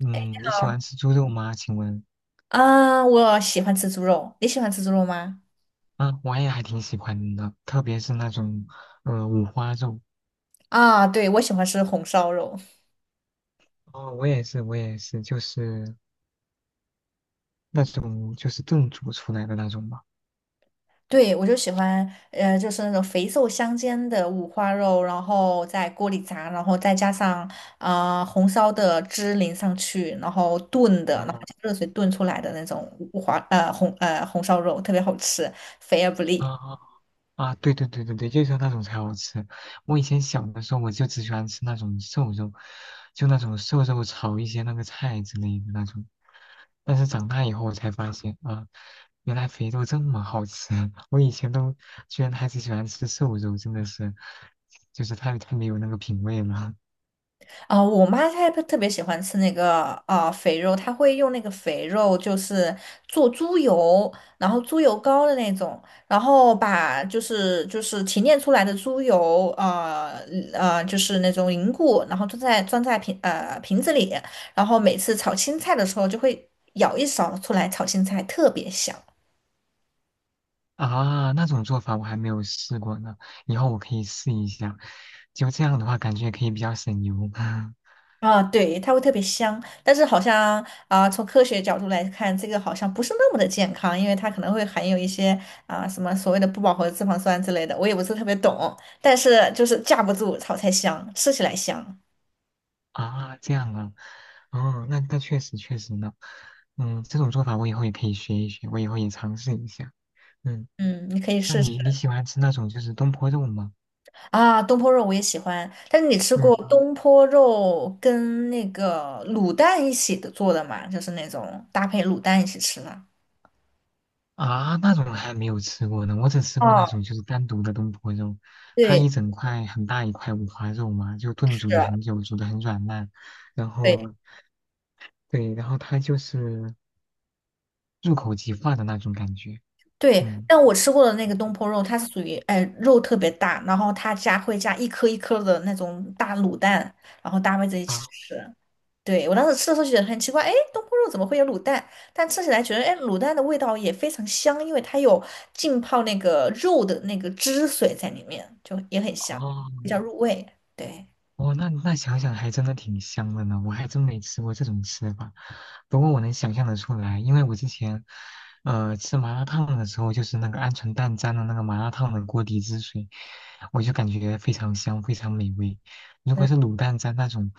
嗯，你喜欢吃猪肉吗？请问。啊，我喜欢吃猪肉，你喜欢吃猪肉吗？啊，我也还挺喜欢的，特别是那种五花肉。啊，对，我喜欢吃红烧肉，哦，我也是，我也是，就是那种就是炖煮出来的那种吧。对，我就喜欢，就是那种肥瘦相间的五花肉，然后在锅里炸，然后再加上红烧的汁淋上去，然后炖的，然后哦加热水炖出来的那种五花呃红呃红烧肉，特别好吃，肥而不腻。啊啊，对对对对对，就是那种才好吃。我以前小的时候，我就只喜欢吃那种瘦肉，就那种瘦肉炒一些那个菜之类的那种。但是长大以后我才发现啊，原来肥肉这么好吃，我以前都居然还只喜欢吃瘦肉，真的是。就是太没有那个品味了。我妈她特别喜欢吃那个肥肉，她会用那个肥肉，就是做猪油，然后猪油膏的那种，然后把就是提炼出来的猪油，就是那种凝固，然后装在瓶子里，然后每次炒青菜的时候就会舀一勺出来炒青菜，特别香。啊！那种做法我还没有试过呢，以后我可以试一下。就这样的话，感觉也可以比较省油 啊，对，它会特别香，但是好像从科学角度来看，这个好像不是那么的健康，因为它可能会含有一些什么所谓的不饱和脂肪酸之类的，我也不是特别懂，但是就是架不住炒菜香，吃起来香。啊。这样啊，哦，那确实确实呢。这种做法我以后也可以学一学，我以后也尝试一下。嗯，嗯，你可以那试试你喜欢吃那种就是东坡肉吗？啊，东坡肉我也喜欢，但是你吃过嗯。东坡肉跟那个卤蛋一起的做的嘛？就是那种搭配卤蛋一起吃的。啊，那种还没有吃过呢，我只吃过那哦，种就是单独的东坡肉，它一对，整块很大一块五花肉嘛，就炖是，煮了很久，煮的很软烂，然对。后对，然后它就是入口即化的那种感觉。对，嗯但我吃过的那个东坡肉，它是属于哎肉特别大，然后它加会加一颗一颗的那种大卤蛋，然后搭配在一起啊吃。对，我当时吃的时候觉得很奇怪，哎，东坡肉怎么会有卤蛋？但吃起来觉得，哎，卤蛋的味道也非常香，因为它有浸泡那个肉的那个汁水在里面，就也很香，哦比较入味。对。哦，那想想还真的挺香的呢，我还真没吃过这种吃法。不过我能想象得出来，因为我之前，吃麻辣烫的时候，就是那个鹌鹑蛋沾了那个麻辣烫的锅底汁水，我就感觉非常香，非常美味。如嗯。果是卤蛋沾那种，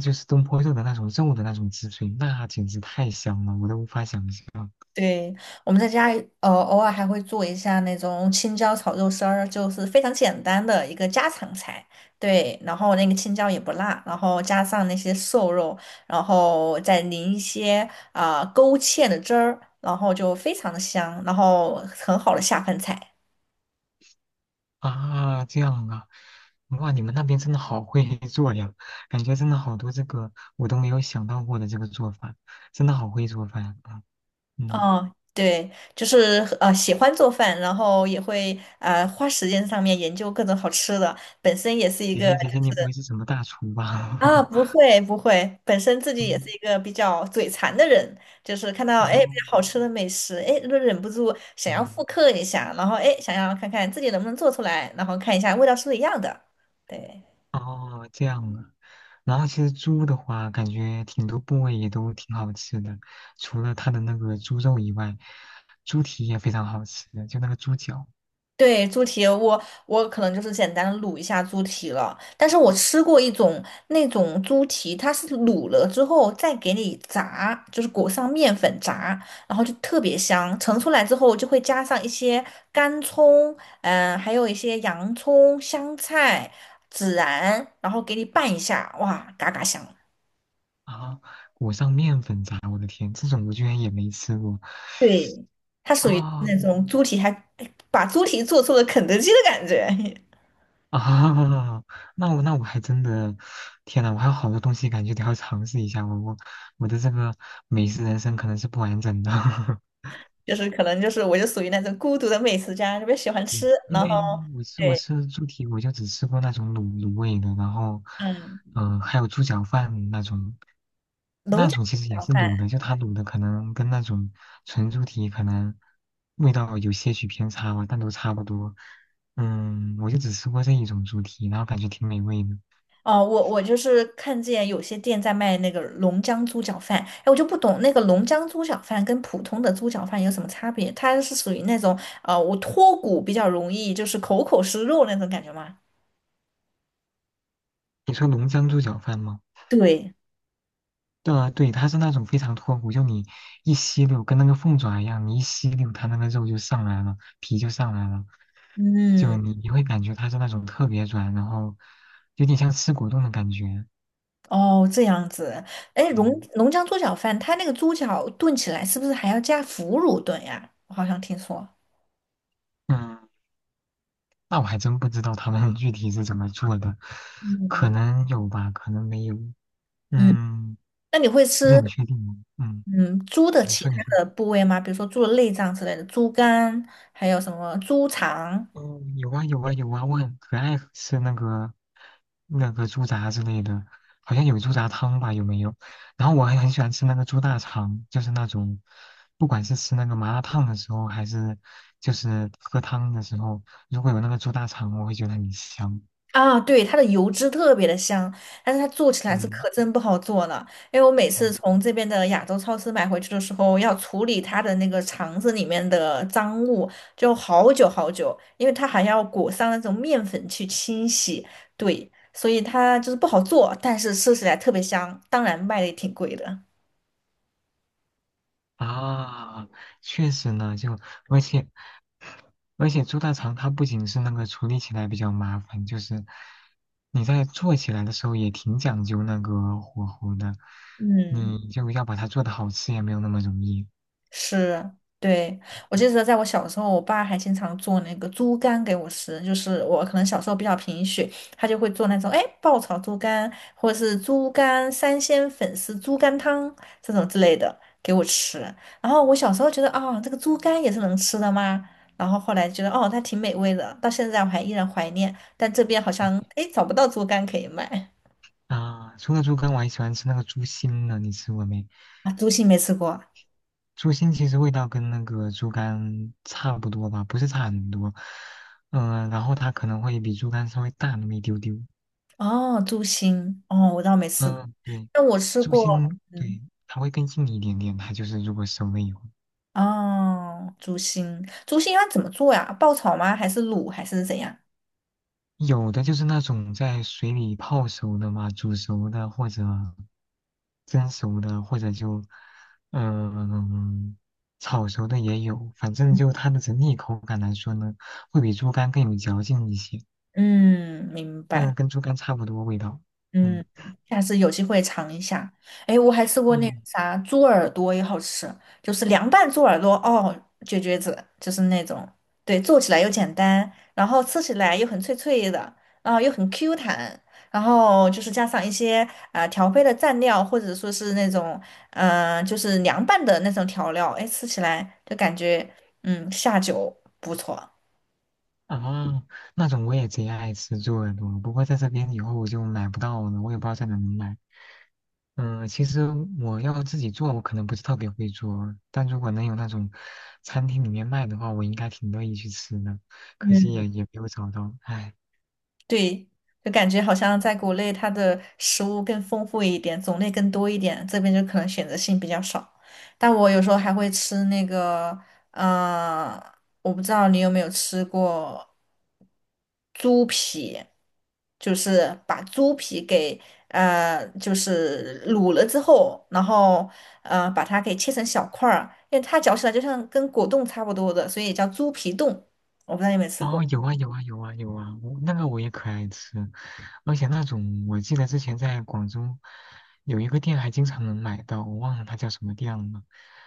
就是东坡肉的那种肉的那种汁水，那简直太香了，我都无法想象。对，我们在家偶尔还会做一下那种青椒炒肉丝儿，就是非常简单的一个家常菜。对，然后那个青椒也不辣，然后加上那些瘦肉，然后再淋一些勾芡的汁儿，然后就非常的香，然后很好的下饭菜。啊，这样啊，哇，你们那边真的好会 做呀，感觉真的好多这个我都没有想到过的这个做法，真的好会做饭啊。嗯，哦，对，就是喜欢做饭，然后也会花时间上面研究各种好吃的，本身也是一姐个。姐姐姐，你不会是什么大厨啊，吧？不 会不会，本身自己也是嗯一个比较嘴馋的人，就是看到哎比哦，较好吃的美食，哎就忍不住想要复嗯，刻一下，然后哎想要看看自己能不能做出来，然后看一下味道是不是一样的。对。哦，这样啊。然后其实猪的话，感觉挺多部位也都挺好吃的，除了它的那个猪肉以外，猪蹄也非常好吃，就那个猪脚对，猪蹄，我可能就是简单的卤一下猪蹄了。但是我吃过一种那种猪蹄，它是卤了之后再给你炸，就是裹上面粉炸，然后就特别香。盛出来之后就会加上一些干葱，还有一些洋葱、香菜、孜然，然后给你拌一下，哇，嘎嘎香。啊，裹上面粉炸，我的天，这种我居然也没吃过。对，它属于啊那种猪蹄还，哎把猪蹄做出了肯德基的感觉。啊，那我还真的，天呐，我还有好多东西感觉得要尝试一下，我的这个美食人生可能是不完整的，就是可能就是我就属于那种孤独的美食家，特别喜欢对，吃。因然后为我吃我对，吃猪蹄，我就只吃过那种卤味的，然后，嗯，还有猪脚饭那种，龙江那种其猪实也脚是饭卤的，就它卤的可能跟那种纯猪蹄可能味道有些许偏差吧，但都差不多。我就只吃过这一种猪蹄，然后感觉挺美味的。哦，我就是看见有些店在卖那个龙江猪脚饭，哎，我就不懂那个龙江猪脚饭跟普通的猪脚饭有什么差别？它是属于那种啊，我脱骨比较容易，就是口口是肉那种感觉吗？你说浓江猪脚饭吗？对，对啊，对，它是那种非常脱骨，就你一吸溜，跟那个凤爪一样，你一吸溜，它那个肉就上来了，皮就上来了，就嗯，你会感觉它是那种特别软，然后有点像吃果冻的感觉。哦，这样子。哎，嗯龙江猪脚饭，它那个猪脚炖起来是不是还要加腐乳炖呀？我好像听说。嗯，那我还真不知道他们 具体是怎么做的，可嗯能有吧，可能没有，嗯。嗯，那你会不是吃很确定啊。嗯，嗯猪的你其说你说。他的部位吗？比如说猪的内脏之类的，猪肝，还有什么猪肠嗯，有啊有啊有啊，我很可爱吃那个猪杂之类的，好像有猪杂汤吧，有没有？然后我还很喜欢吃那个猪大肠，就是那种，不管是吃那个麻辣烫的时候，还是就是喝汤的时候，如果有那个猪大肠，我会觉得很香。啊？对，它的油脂特别的香，但是它做起来是嗯可真不好做了。因为我每次嗯从这边的亚洲超市买回去的时候，要处理它的那个肠子里面的脏物，就好久好久，因为它还要裹上那种面粉去清洗，对，所以它就是不好做，但是吃起来特别香，当然卖的也挺贵的，啊，确实呢，就而且而且猪大肠它不仅是那个处理起来比较麻烦，就是你在做起来的时候也挺讲究那个火候的，嗯。你就要把它做的好吃也没有那么容易。是，对，我记得在我小时候，我爸还经常做那个猪肝给我吃，就是我可能小时候比较贫血，他就会做那种哎爆炒猪肝，或者是猪肝三鲜粉丝、猪肝汤这种之类的给我吃。然后我小时候觉得这个猪肝也是能吃的吗？然后后来觉得哦，它挺美味的，到现在我还依然怀念。但这边好嗯像哎找不到猪肝可以买啊，除了猪肝，我还喜欢吃那个猪心呢，你吃过没？啊，猪心没吃过啊猪心其实味道跟那个猪肝差不多吧，不是差很多。然后它可能会比猪肝稍微大那么一丢丢。哦，猪心哦，我倒没吃过，嗯，对，但我吃猪过。心，对，嗯。它会更硬一点点。它就是如果熟了以后，哦，猪心，猪心要怎么做呀？爆炒吗？还是卤？还是怎样？有的就是那种在水里泡熟的嘛，煮熟的或者蒸熟的，或者就嗯、炒熟的也有。反正就它的整体口感来说呢，会比猪肝更有嚼劲一些，嗯，明但是白。跟猪肝差不多味道。嗯，嗯下次有机会尝一下。哎，我还吃过那个嗯，啥猪耳朵，也好吃，就是凉拌猪耳朵哦，绝绝子，就是那种，对，做起来又简单，然后吃起来又很脆脆的，然后又很 Q 弹，然后就是加上一些调配的蘸料，或者说是那种就是凉拌的那种调料，哎，吃起来就感觉下酒不错。啊，那种我也贼爱吃猪耳朵，不过在这边以后我就买不到了，我也不知道在哪能买。嗯，其实我要自己做，我可能不是特别会做，但如果能有那种餐厅里面卖的话，我应该挺乐意去吃的。可惜嗯。也没有找到，唉。对，就感觉好像在国内它的食物更丰富一点，种类更多一点，这边就可能选择性比较少。但我有时候还会吃那个，呃，我不知道你有没有吃过猪皮，就是把猪皮给就是卤了之后，然后把它给切成小块儿，因为它嚼起来就像跟果冻差不多的，所以也叫猪皮冻。我不知道你有没有吃过。哦，有啊有啊有啊有啊，我那个我也可爱吃，而且那种我记得之前在广州有一个店还经常能买到，我忘了它叫什么店了，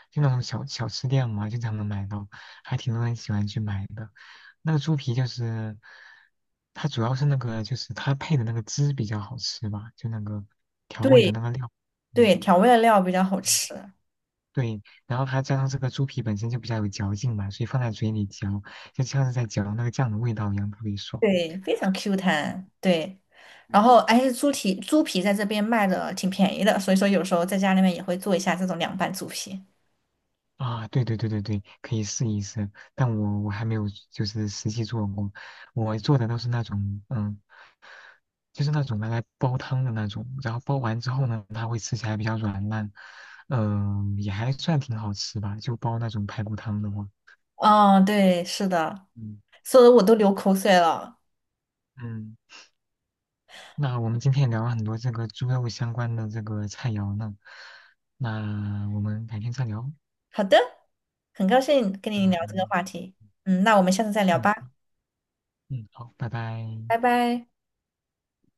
就那种小小吃店嘛，经常能买到，还挺多人喜欢去买的。那个猪皮就是它主要是那个就是它配的那个汁比较好吃吧，就那个调味的对，那个料，嗯，对，调味的料比较好吃，对，然后它加上这个猪皮本身就比较有嚼劲嘛，所以放在嘴里嚼，就像是在嚼那个酱的味道一样，特别爽。对，非常 Q 弹，对。然后，哎，猪蹄猪皮在这边卖的挺便宜的，所以说有时候在家里面也会做一下这种凉拌猪皮。啊，对对对对对，可以试一试，但我还没有就是实际做过，我做的都是那种就是那种拿来煲汤的那种，然后煲完之后呢，它会吃起来比较软烂，也还算挺好吃吧，就煲那种排骨汤的话，嗯，对，是的，嗯，说的我都流口水了。嗯，那我们今天也聊了很多这个猪肉相关的这个菜肴呢，那我们改天再聊。好的，很高兴跟你聊这个嗯话题，嗯，那我们下次再聊嗯吧，嗯，好，拜拜。拜拜。